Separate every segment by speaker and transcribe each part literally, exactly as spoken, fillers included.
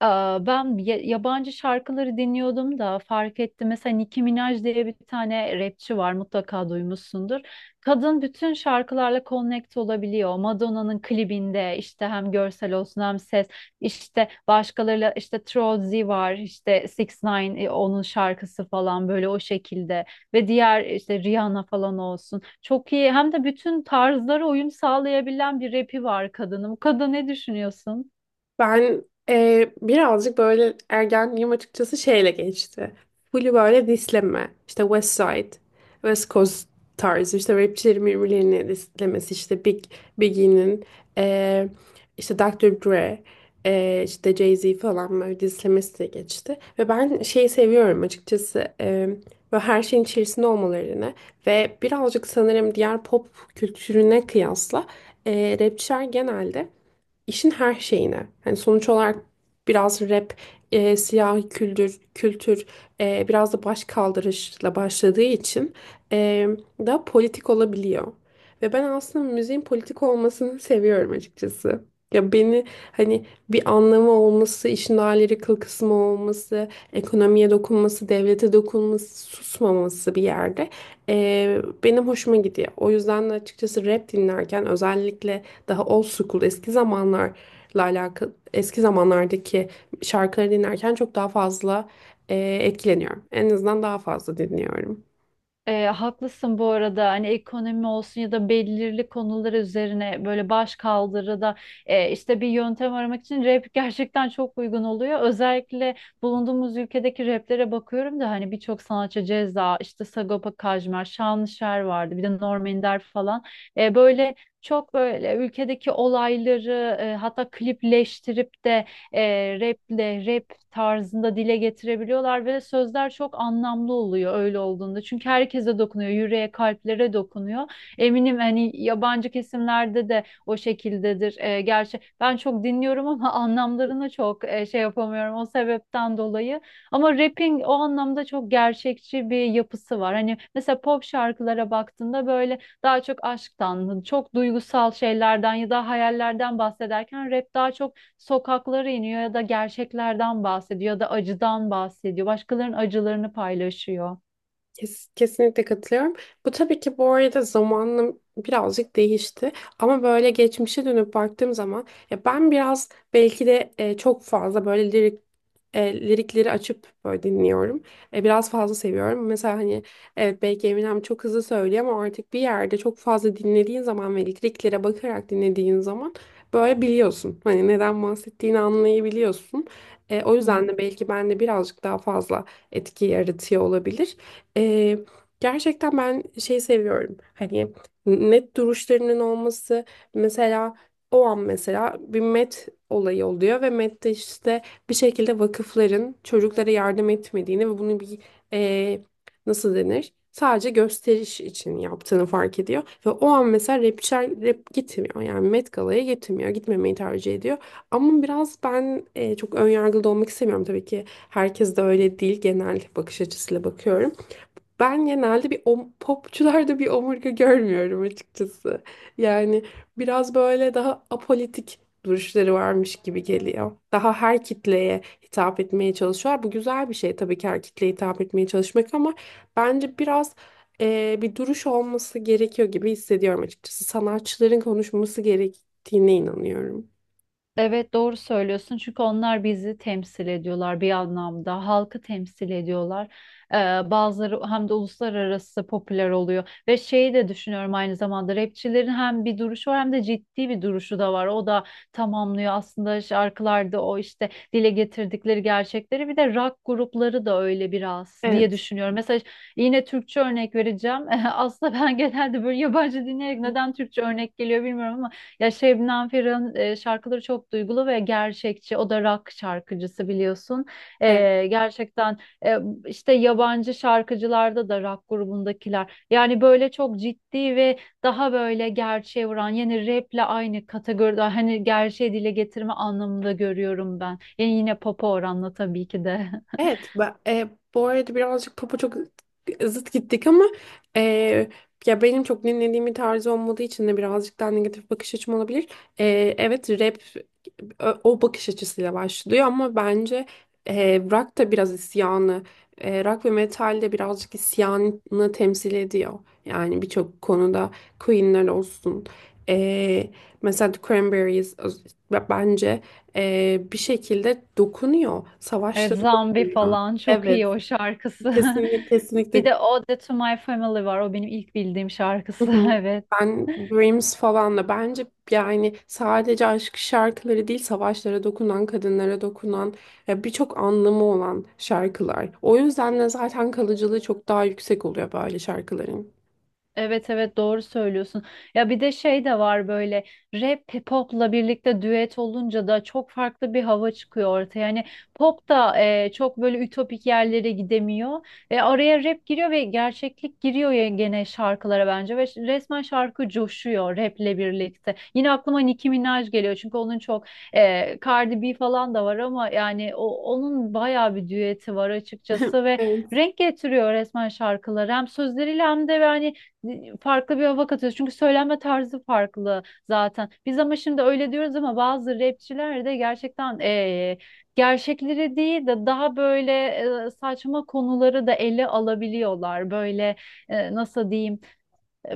Speaker 1: Aa, Ben ya- yabancı şarkıları dinliyordum da fark ettim. Mesela Nicki Minaj diye bir tane rapçi var, mutlaka duymuşsundur. Kadın bütün şarkılarla connect olabiliyor. Madonna'nın klibinde işte hem görsel olsun hem ses, işte başkalarıyla, işte Trolley var, işte Six Nine e, onun şarkısı falan, böyle o şekilde ve diğer işte Rihanna falan olsun. Çok iyi, hem de bütün tarzlara uyum sağlayabilen bir rapi var kadının. Bu kadın ne düşünüyorsun?
Speaker 2: Ben e, birazcık böyle ergenliğim açıkçası şeyle geçti. Full böyle disleme. İşte West Side, West Coast tarzı işte rapçilerin birbirlerini dislemesi. İşte Big, Biggie'nin, e, işte dı ar Dre, e, işte Jay-Z falan böyle dislemesi de geçti. Ve ben şeyi seviyorum açıkçası. E, böyle her şeyin içerisinde olmalarını ve birazcık sanırım diğer pop kültürüne kıyasla e, rapçiler genelde işin her şeyine. yani sonuç olarak biraz rap, e, siyahi kültür, kültür e, biraz da baş kaldırışla başladığı için e, da politik olabiliyor. Ve ben aslında müziğin politik olmasını seviyorum açıkçası. Ya beni hani bir anlamı olması, işin ayrı kıl kısmı olması, ekonomiye dokunması, devlete dokunması, susmaması bir yerde e, benim hoşuma gidiyor. O yüzden de açıkçası rap dinlerken özellikle daha old school eski zamanlarla alakalı eski zamanlardaki şarkıları dinlerken çok daha fazla e, etkileniyorum. En azından daha fazla dinliyorum.
Speaker 1: E, haklısın bu arada, hani ekonomi olsun ya da belirli konular üzerine böyle baş kaldırıda e, işte bir yöntem aramak için rap gerçekten çok uygun oluyor. Özellikle bulunduğumuz ülkedeki raplere bakıyorum da hani birçok sanatçı Ceza, işte Sagopa Kajmer, Şanlışer vardı, bir de Norm Ender falan. E, böyle çok böyle ülkedeki olayları e, hatta klipleştirip de e, raple, rap tarzında dile getirebiliyorlar ve sözler çok anlamlı oluyor öyle olduğunda. Çünkü herkese dokunuyor, yüreğe, kalplere dokunuyor. Eminim hani yabancı kesimlerde de o şekildedir. E, gerçi ben çok dinliyorum ama anlamlarını çok e, şey yapamıyorum o sebepten dolayı. Ama rapping o anlamda çok gerçekçi bir yapısı var. Hani mesela pop şarkılara baktığında böyle daha çok aşktan, çok duygusal şeylerden ya da hayallerden bahsederken, rap daha çok sokaklara iniyor ya da gerçeklerden bahsediyor ya da acıdan bahsediyor. Başkalarının acılarını paylaşıyor.
Speaker 2: Kes- Kesinlikle katılıyorum. Bu tabii ki bu arada zamanla birazcık değişti. Ama böyle geçmişe dönüp baktığım zaman ya ben biraz belki de e, çok fazla böyle lirik e, lirikleri açıp böyle dinliyorum. E, biraz fazla seviyorum. Mesela hani evet belki Eminem çok hızlı söylüyor ama artık bir yerde çok fazla dinlediğin zaman ve liriklere bakarak dinlediğin zaman böyle biliyorsun. Hani neden bahsettiğini anlayabiliyorsun. E, o
Speaker 1: Hı
Speaker 2: yüzden
Speaker 1: hı.
Speaker 2: de belki ben de birazcık daha fazla etki yaratıyor olabilir. Ee, gerçekten ben şey seviyorum. Hani net duruşlarının olması mesela o an mesela bir met olayı oluyor ve mette işte bir şekilde vakıfların çocuklara yardım etmediğini ve bunu bir e, nasıl denir? Sadece gösteriş için yaptığını fark ediyor. Ve o an mesela rapçiler rap gitmiyor. Yani Met Gala'ya gitmiyor. Gitmemeyi tercih ediyor. Ama biraz ben e, çok önyargılı da olmak istemiyorum. Tabii ki herkes de öyle değil. Genel bakış açısıyla bakıyorum. Ben genelde bir om- popçularda bir omurga görmüyorum açıkçası. Yani biraz böyle daha apolitik duruşları varmış gibi geliyor. Daha her kitleye hitap etmeye çalışıyorlar. Bu güzel bir şey tabii ki her kitleye hitap etmeye çalışmak ama bence biraz eee, bir duruş olması gerekiyor gibi hissediyorum açıkçası. Sanatçıların konuşması gerektiğine inanıyorum.
Speaker 1: Evet, doğru söylüyorsun, çünkü onlar bizi temsil ediyorlar, bir anlamda halkı temsil ediyorlar. Ee, Bazıları hem de uluslararası popüler oluyor ve şeyi de düşünüyorum aynı zamanda, rapçilerin hem bir duruşu var, hem de ciddi bir duruşu da var, o da tamamlıyor aslında şarkılarda, o işte dile getirdikleri gerçekleri. Bir de rock grupları da öyle biraz diye
Speaker 2: Evet.
Speaker 1: düşünüyorum. Mesela yine Türkçe örnek vereceğim aslında, ben genelde böyle yabancı dinleyerek neden Türkçe örnek geliyor bilmiyorum ama ya, Şebnem Ferah'ın e, şarkıları çok duygulu ve gerçekçi. O da rock şarkıcısı, biliyorsun.
Speaker 2: Evet.
Speaker 1: E, gerçekten, e, işte yabancı şarkıcılarda da rock grubundakiler. Yani böyle çok ciddi ve daha böyle gerçeğe vuran, yani raple aynı kategoride, hani gerçeği dile getirme anlamında görüyorum ben. Yani yine pop'a oranla, tabii ki de.
Speaker 2: Evet, ben, e, bu arada birazcık popa çok zıt gittik ama e, ya benim çok dinlediğim bir tarz olmadığı için de birazcık daha negatif bakış açım olabilir. E, evet, rap ö- o bakış açısıyla başlıyor ama bence e, rock da biraz isyanı, e, rock ve metal de birazcık isyanı temsil ediyor. Yani birçok konuda Queen'ler olsun. E, mesela The Cranberries ö- bence e, bir şekilde dokunuyor.
Speaker 1: Evet,
Speaker 2: Savaşları
Speaker 1: Zombie
Speaker 2: ya.
Speaker 1: falan çok
Speaker 2: Evet,
Speaker 1: iyi o şarkısı.
Speaker 2: kesinlikle
Speaker 1: Bir
Speaker 2: kesinlikle.
Speaker 1: de Ode to My Family var. O benim ilk bildiğim
Speaker 2: Hı
Speaker 1: şarkısı.
Speaker 2: hı.
Speaker 1: Evet.
Speaker 2: Ben Dreams falan da bence yani sadece aşk şarkıları değil savaşlara dokunan, kadınlara dokunan e, birçok anlamı olan şarkılar. O yüzden de zaten kalıcılığı çok daha yüksek oluyor böyle şarkıların.
Speaker 1: Evet evet, doğru söylüyorsun. Ya bir de şey de var, böyle rap popla birlikte düet olunca da çok farklı bir hava çıkıyor ortaya. Yani pop da e, çok böyle ütopik yerlere gidemiyor. E, araya rap giriyor ve gerçeklik giriyor ya gene şarkılara bence, ve resmen şarkı coşuyor raple birlikte. Yine aklıma Nicki Minaj geliyor, çünkü onun çok e, Cardi B falan da var, ama yani o, onun bayağı bir düeti var açıkçası ve
Speaker 2: Evet.
Speaker 1: renk getiriyor resmen şarkılara, hem sözleriyle hem de yani farklı bir hava katıyoruz. Çünkü söylenme tarzı farklı zaten. Biz ama şimdi öyle diyoruz ama bazı rapçiler de gerçekten eee, gerçekleri değil de daha böyle eee, saçma konuları da ele alabiliyorlar. Böyle eee, nasıl diyeyim?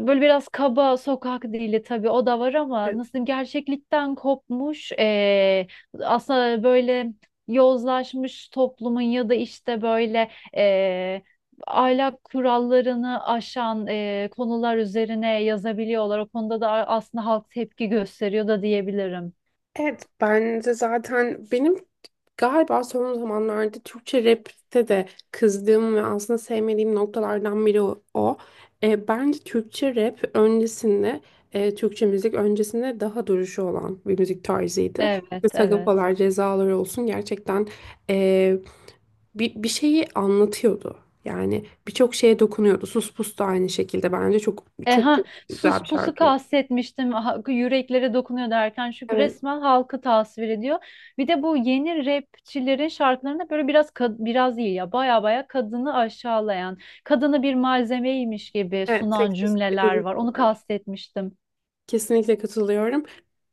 Speaker 1: Böyle biraz kaba sokak dili, tabii o da var ama
Speaker 2: Evet.
Speaker 1: nasıl diyeyim, gerçeklikten kopmuş, eee, aslında böyle yozlaşmış toplumun ya da işte böyle eee, ahlak kurallarını aşan eee, konular üzerine yazabiliyorlar. O konuda da aslında halk tepki gösteriyor da diyebilirim.
Speaker 2: Evet bence zaten benim galiba son zamanlarda Türkçe rap'te de kızdığım ve aslında sevmediğim noktalardan biri o. o. E, bence Türkçe rap öncesinde, e, Türkçe müzik öncesinde daha duruşu olan bir müzik tarzıydı.
Speaker 1: Evet,
Speaker 2: ve
Speaker 1: evet.
Speaker 2: Sagapalar, cezalar olsun gerçekten e, bir, bir şeyi anlatıyordu. Yani birçok şeye dokunuyordu. Sus Pus da aynı şekilde bence çok
Speaker 1: E,
Speaker 2: çok
Speaker 1: ha,
Speaker 2: çok güzel
Speaker 1: sus
Speaker 2: bir
Speaker 1: pusu
Speaker 2: şarkıydı.
Speaker 1: kastetmiştim ha- yüreklere dokunuyor derken, çünkü
Speaker 2: Evet,
Speaker 1: resmen halkı tasvir ediyor. Bir de bu yeni rapçilerin şarkılarında böyle biraz kad- biraz değil ya, baya baya kadını aşağılayan, kadını bir malzemeymiş gibi
Speaker 2: evet
Speaker 1: sunan
Speaker 2: seksist bir
Speaker 1: cümleler
Speaker 2: duruş
Speaker 1: var. Onu
Speaker 2: var.
Speaker 1: kastetmiştim.
Speaker 2: Kesinlikle katılıyorum.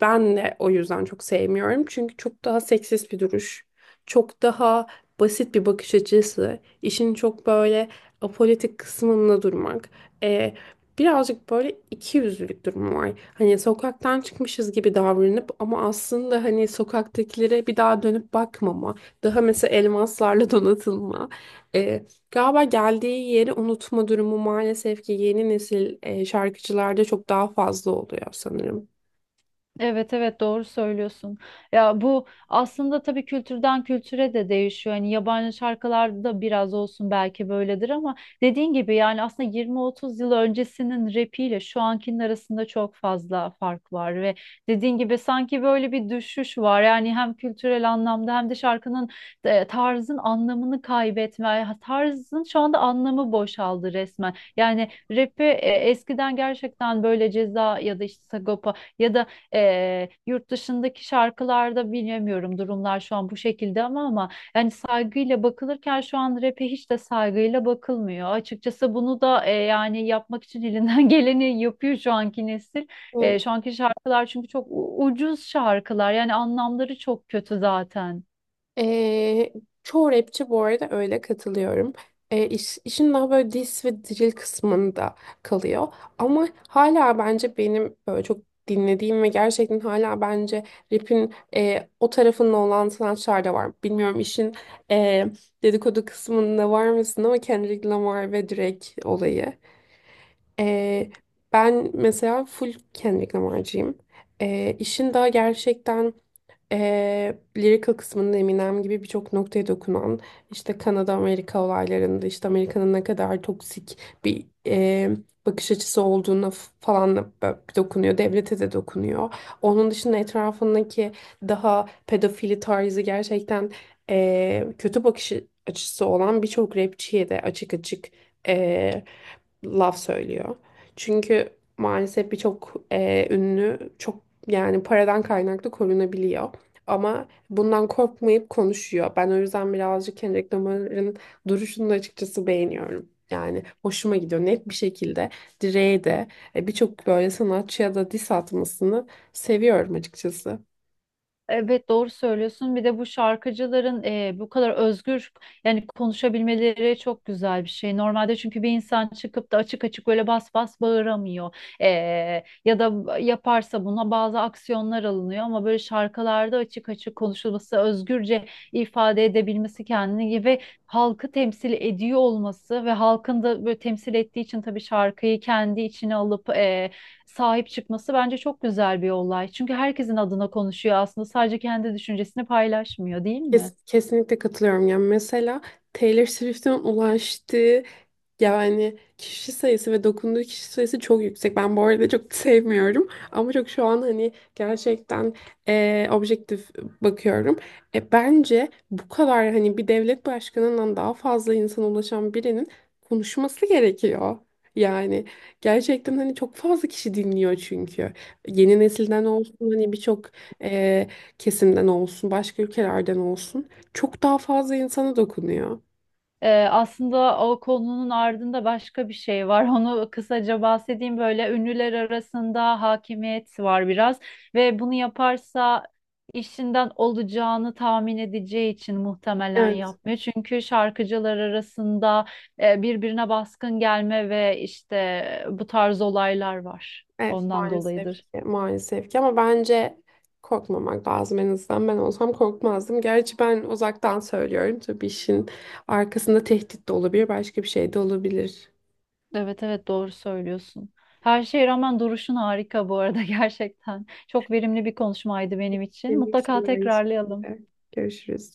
Speaker 2: Ben de o yüzden çok sevmiyorum. Çünkü çok daha seksist bir duruş. Çok daha basit bir bakış açısı. İşin çok böyle apolitik kısmında durmak. Ee, birazcık böyle ikiyüzlülük durumu var. Hani sokaktan çıkmışız gibi davranıp ama aslında hani sokaktakilere bir daha dönüp bakmama. Daha mesela elmaslarla donatılma. e, Galiba geldiği yeri unutma durumu maalesef ki yeni nesil e, şarkıcılarda çok daha fazla oluyor sanırım.
Speaker 1: Evet evet, doğru söylüyorsun. Ya bu aslında tabii kültürden kültüre de değişiyor. Hani yabancı şarkılarda da biraz olsun belki böyledir ama dediğin gibi, yani aslında yirmi otuz yıl öncesinin rapiyle şu ankinin arasında çok fazla fark var ve dediğin gibi sanki böyle bir düşüş var. Yani hem kültürel anlamda hem de şarkının e, tarzın anlamını kaybetme, tarzın şu anda anlamı boşaldı resmen. Yani rap'i e, eskiden gerçekten böyle Ceza ya da işte Sagopa ya da ee, yurt dışındaki şarkılarda bilemiyorum durumlar şu an bu şekilde ama, ama yani saygıyla bakılırken şu an rap'e hiç de saygıyla bakılmıyor. Açıkçası bunu da e, yani yapmak için elinden geleni yapıyor şu anki nesil. E,
Speaker 2: Evet.
Speaker 1: şu anki şarkılar çünkü çok u- ucuz şarkılar, yani anlamları çok kötü zaten.
Speaker 2: Ee, çoğu rapçi bu arada öyle katılıyorum. Ee, iş- işin daha böyle diss ve drill kısmında kalıyor. Ama hala bence benim böyle çok dinlediğim ve gerçekten hala bence rap'in e, o tarafında olan sanatçılar da var. Bilmiyorum işin e, dedikodu kısmında var mısın ama Kendrick Lamar ve Drake olayı. Ee, ben mesela full Kendrick Lamar'cıyım. Ee, işin daha gerçekten Eee lyrical kısmında Eminem gibi birçok noktaya dokunan işte Kanada Amerika olaylarında işte Amerika'nın ne kadar toksik bir eee, bakış açısı olduğuna f- falan da bö- dokunuyor. Devlete de dokunuyor. Onun dışında etrafındaki daha pedofili tarzı gerçekten eee, kötü bakış açısı olan birçok rapçiye de açık açık eee, laf söylüyor. Çünkü maalesef birçok eee, ünlü çok yani paradan kaynaklı korunabiliyor. Ama bundan korkmayıp konuşuyor. Ben o yüzden birazcık Kendrick Lamar'ın duruşunu da açıkçası beğeniyorum. Yani hoşuma gidiyor. Net bir şekilde Dre'ye de e, birçok böyle sanatçıya da diss atmasını seviyorum açıkçası.
Speaker 1: Evet, doğru söylüyorsun. Bir de bu şarkıcıların e, bu kadar özgür yani konuşabilmeleri çok güzel bir şey. Normalde çünkü bir insan çıkıp da açık açık böyle bas bas bağıramıyor. E, Ya da yaparsa buna bazı aksiyonlar alınıyor, ama böyle şarkılarda açık açık konuşulması, özgürce ifade edebilmesi kendini, gibi halkı temsil ediyor olması ve halkın da böyle temsil ettiği için tabii şarkıyı kendi içine alıp sahip çıkması bence çok güzel bir olay. Çünkü herkesin adına konuşuyor aslında, sadece kendi düşüncesini paylaşmıyor değil mi?
Speaker 2: Kes- kesinlikle katılıyorum. Yani mesela Taylor Swift'in ulaştığı, Yani kişi sayısı ve dokunduğu kişi sayısı çok yüksek. Ben bu arada çok sevmiyorum. Ama çok şu an hani gerçekten eee, objektif bakıyorum. E, bence bu kadar hani bir devlet başkanından daha fazla insana ulaşan birinin konuşması gerekiyor. Yani gerçekten hani çok fazla kişi dinliyor çünkü. Yeni nesilden olsun hani birçok eee, kesimden olsun başka ülkelerden olsun çok daha fazla insana dokunuyor.
Speaker 1: Ee, aslında o konunun ardında başka bir şey var. Onu kısaca bahsedeyim. Böyle ünlüler arasında hakimiyet var biraz ve bunu yaparsa işinden olacağını tahmin edeceği için muhtemelen
Speaker 2: Evet.
Speaker 1: yapmıyor. Çünkü şarkıcılar arasında e, birbirine baskın gelme ve işte bu tarz olaylar var.
Speaker 2: Evet
Speaker 1: Ondan
Speaker 2: maalesef
Speaker 1: dolayıdır.
Speaker 2: ki maalesef ki ama bence korkmamak lazım en azından ben olsam korkmazdım. Gerçi ben uzaktan söylüyorum tabii işin arkasında tehdit de olabilir başka bir şey de olabilir.
Speaker 1: Evet evet, doğru söylüyorsun. Her şeye rağmen duruşun harika bu arada gerçekten. Çok verimli bir konuşmaydı benim için.
Speaker 2: Benim için
Speaker 1: Mutlaka
Speaker 2: de aynı
Speaker 1: tekrarlayalım.
Speaker 2: şekilde. Görüşürüz.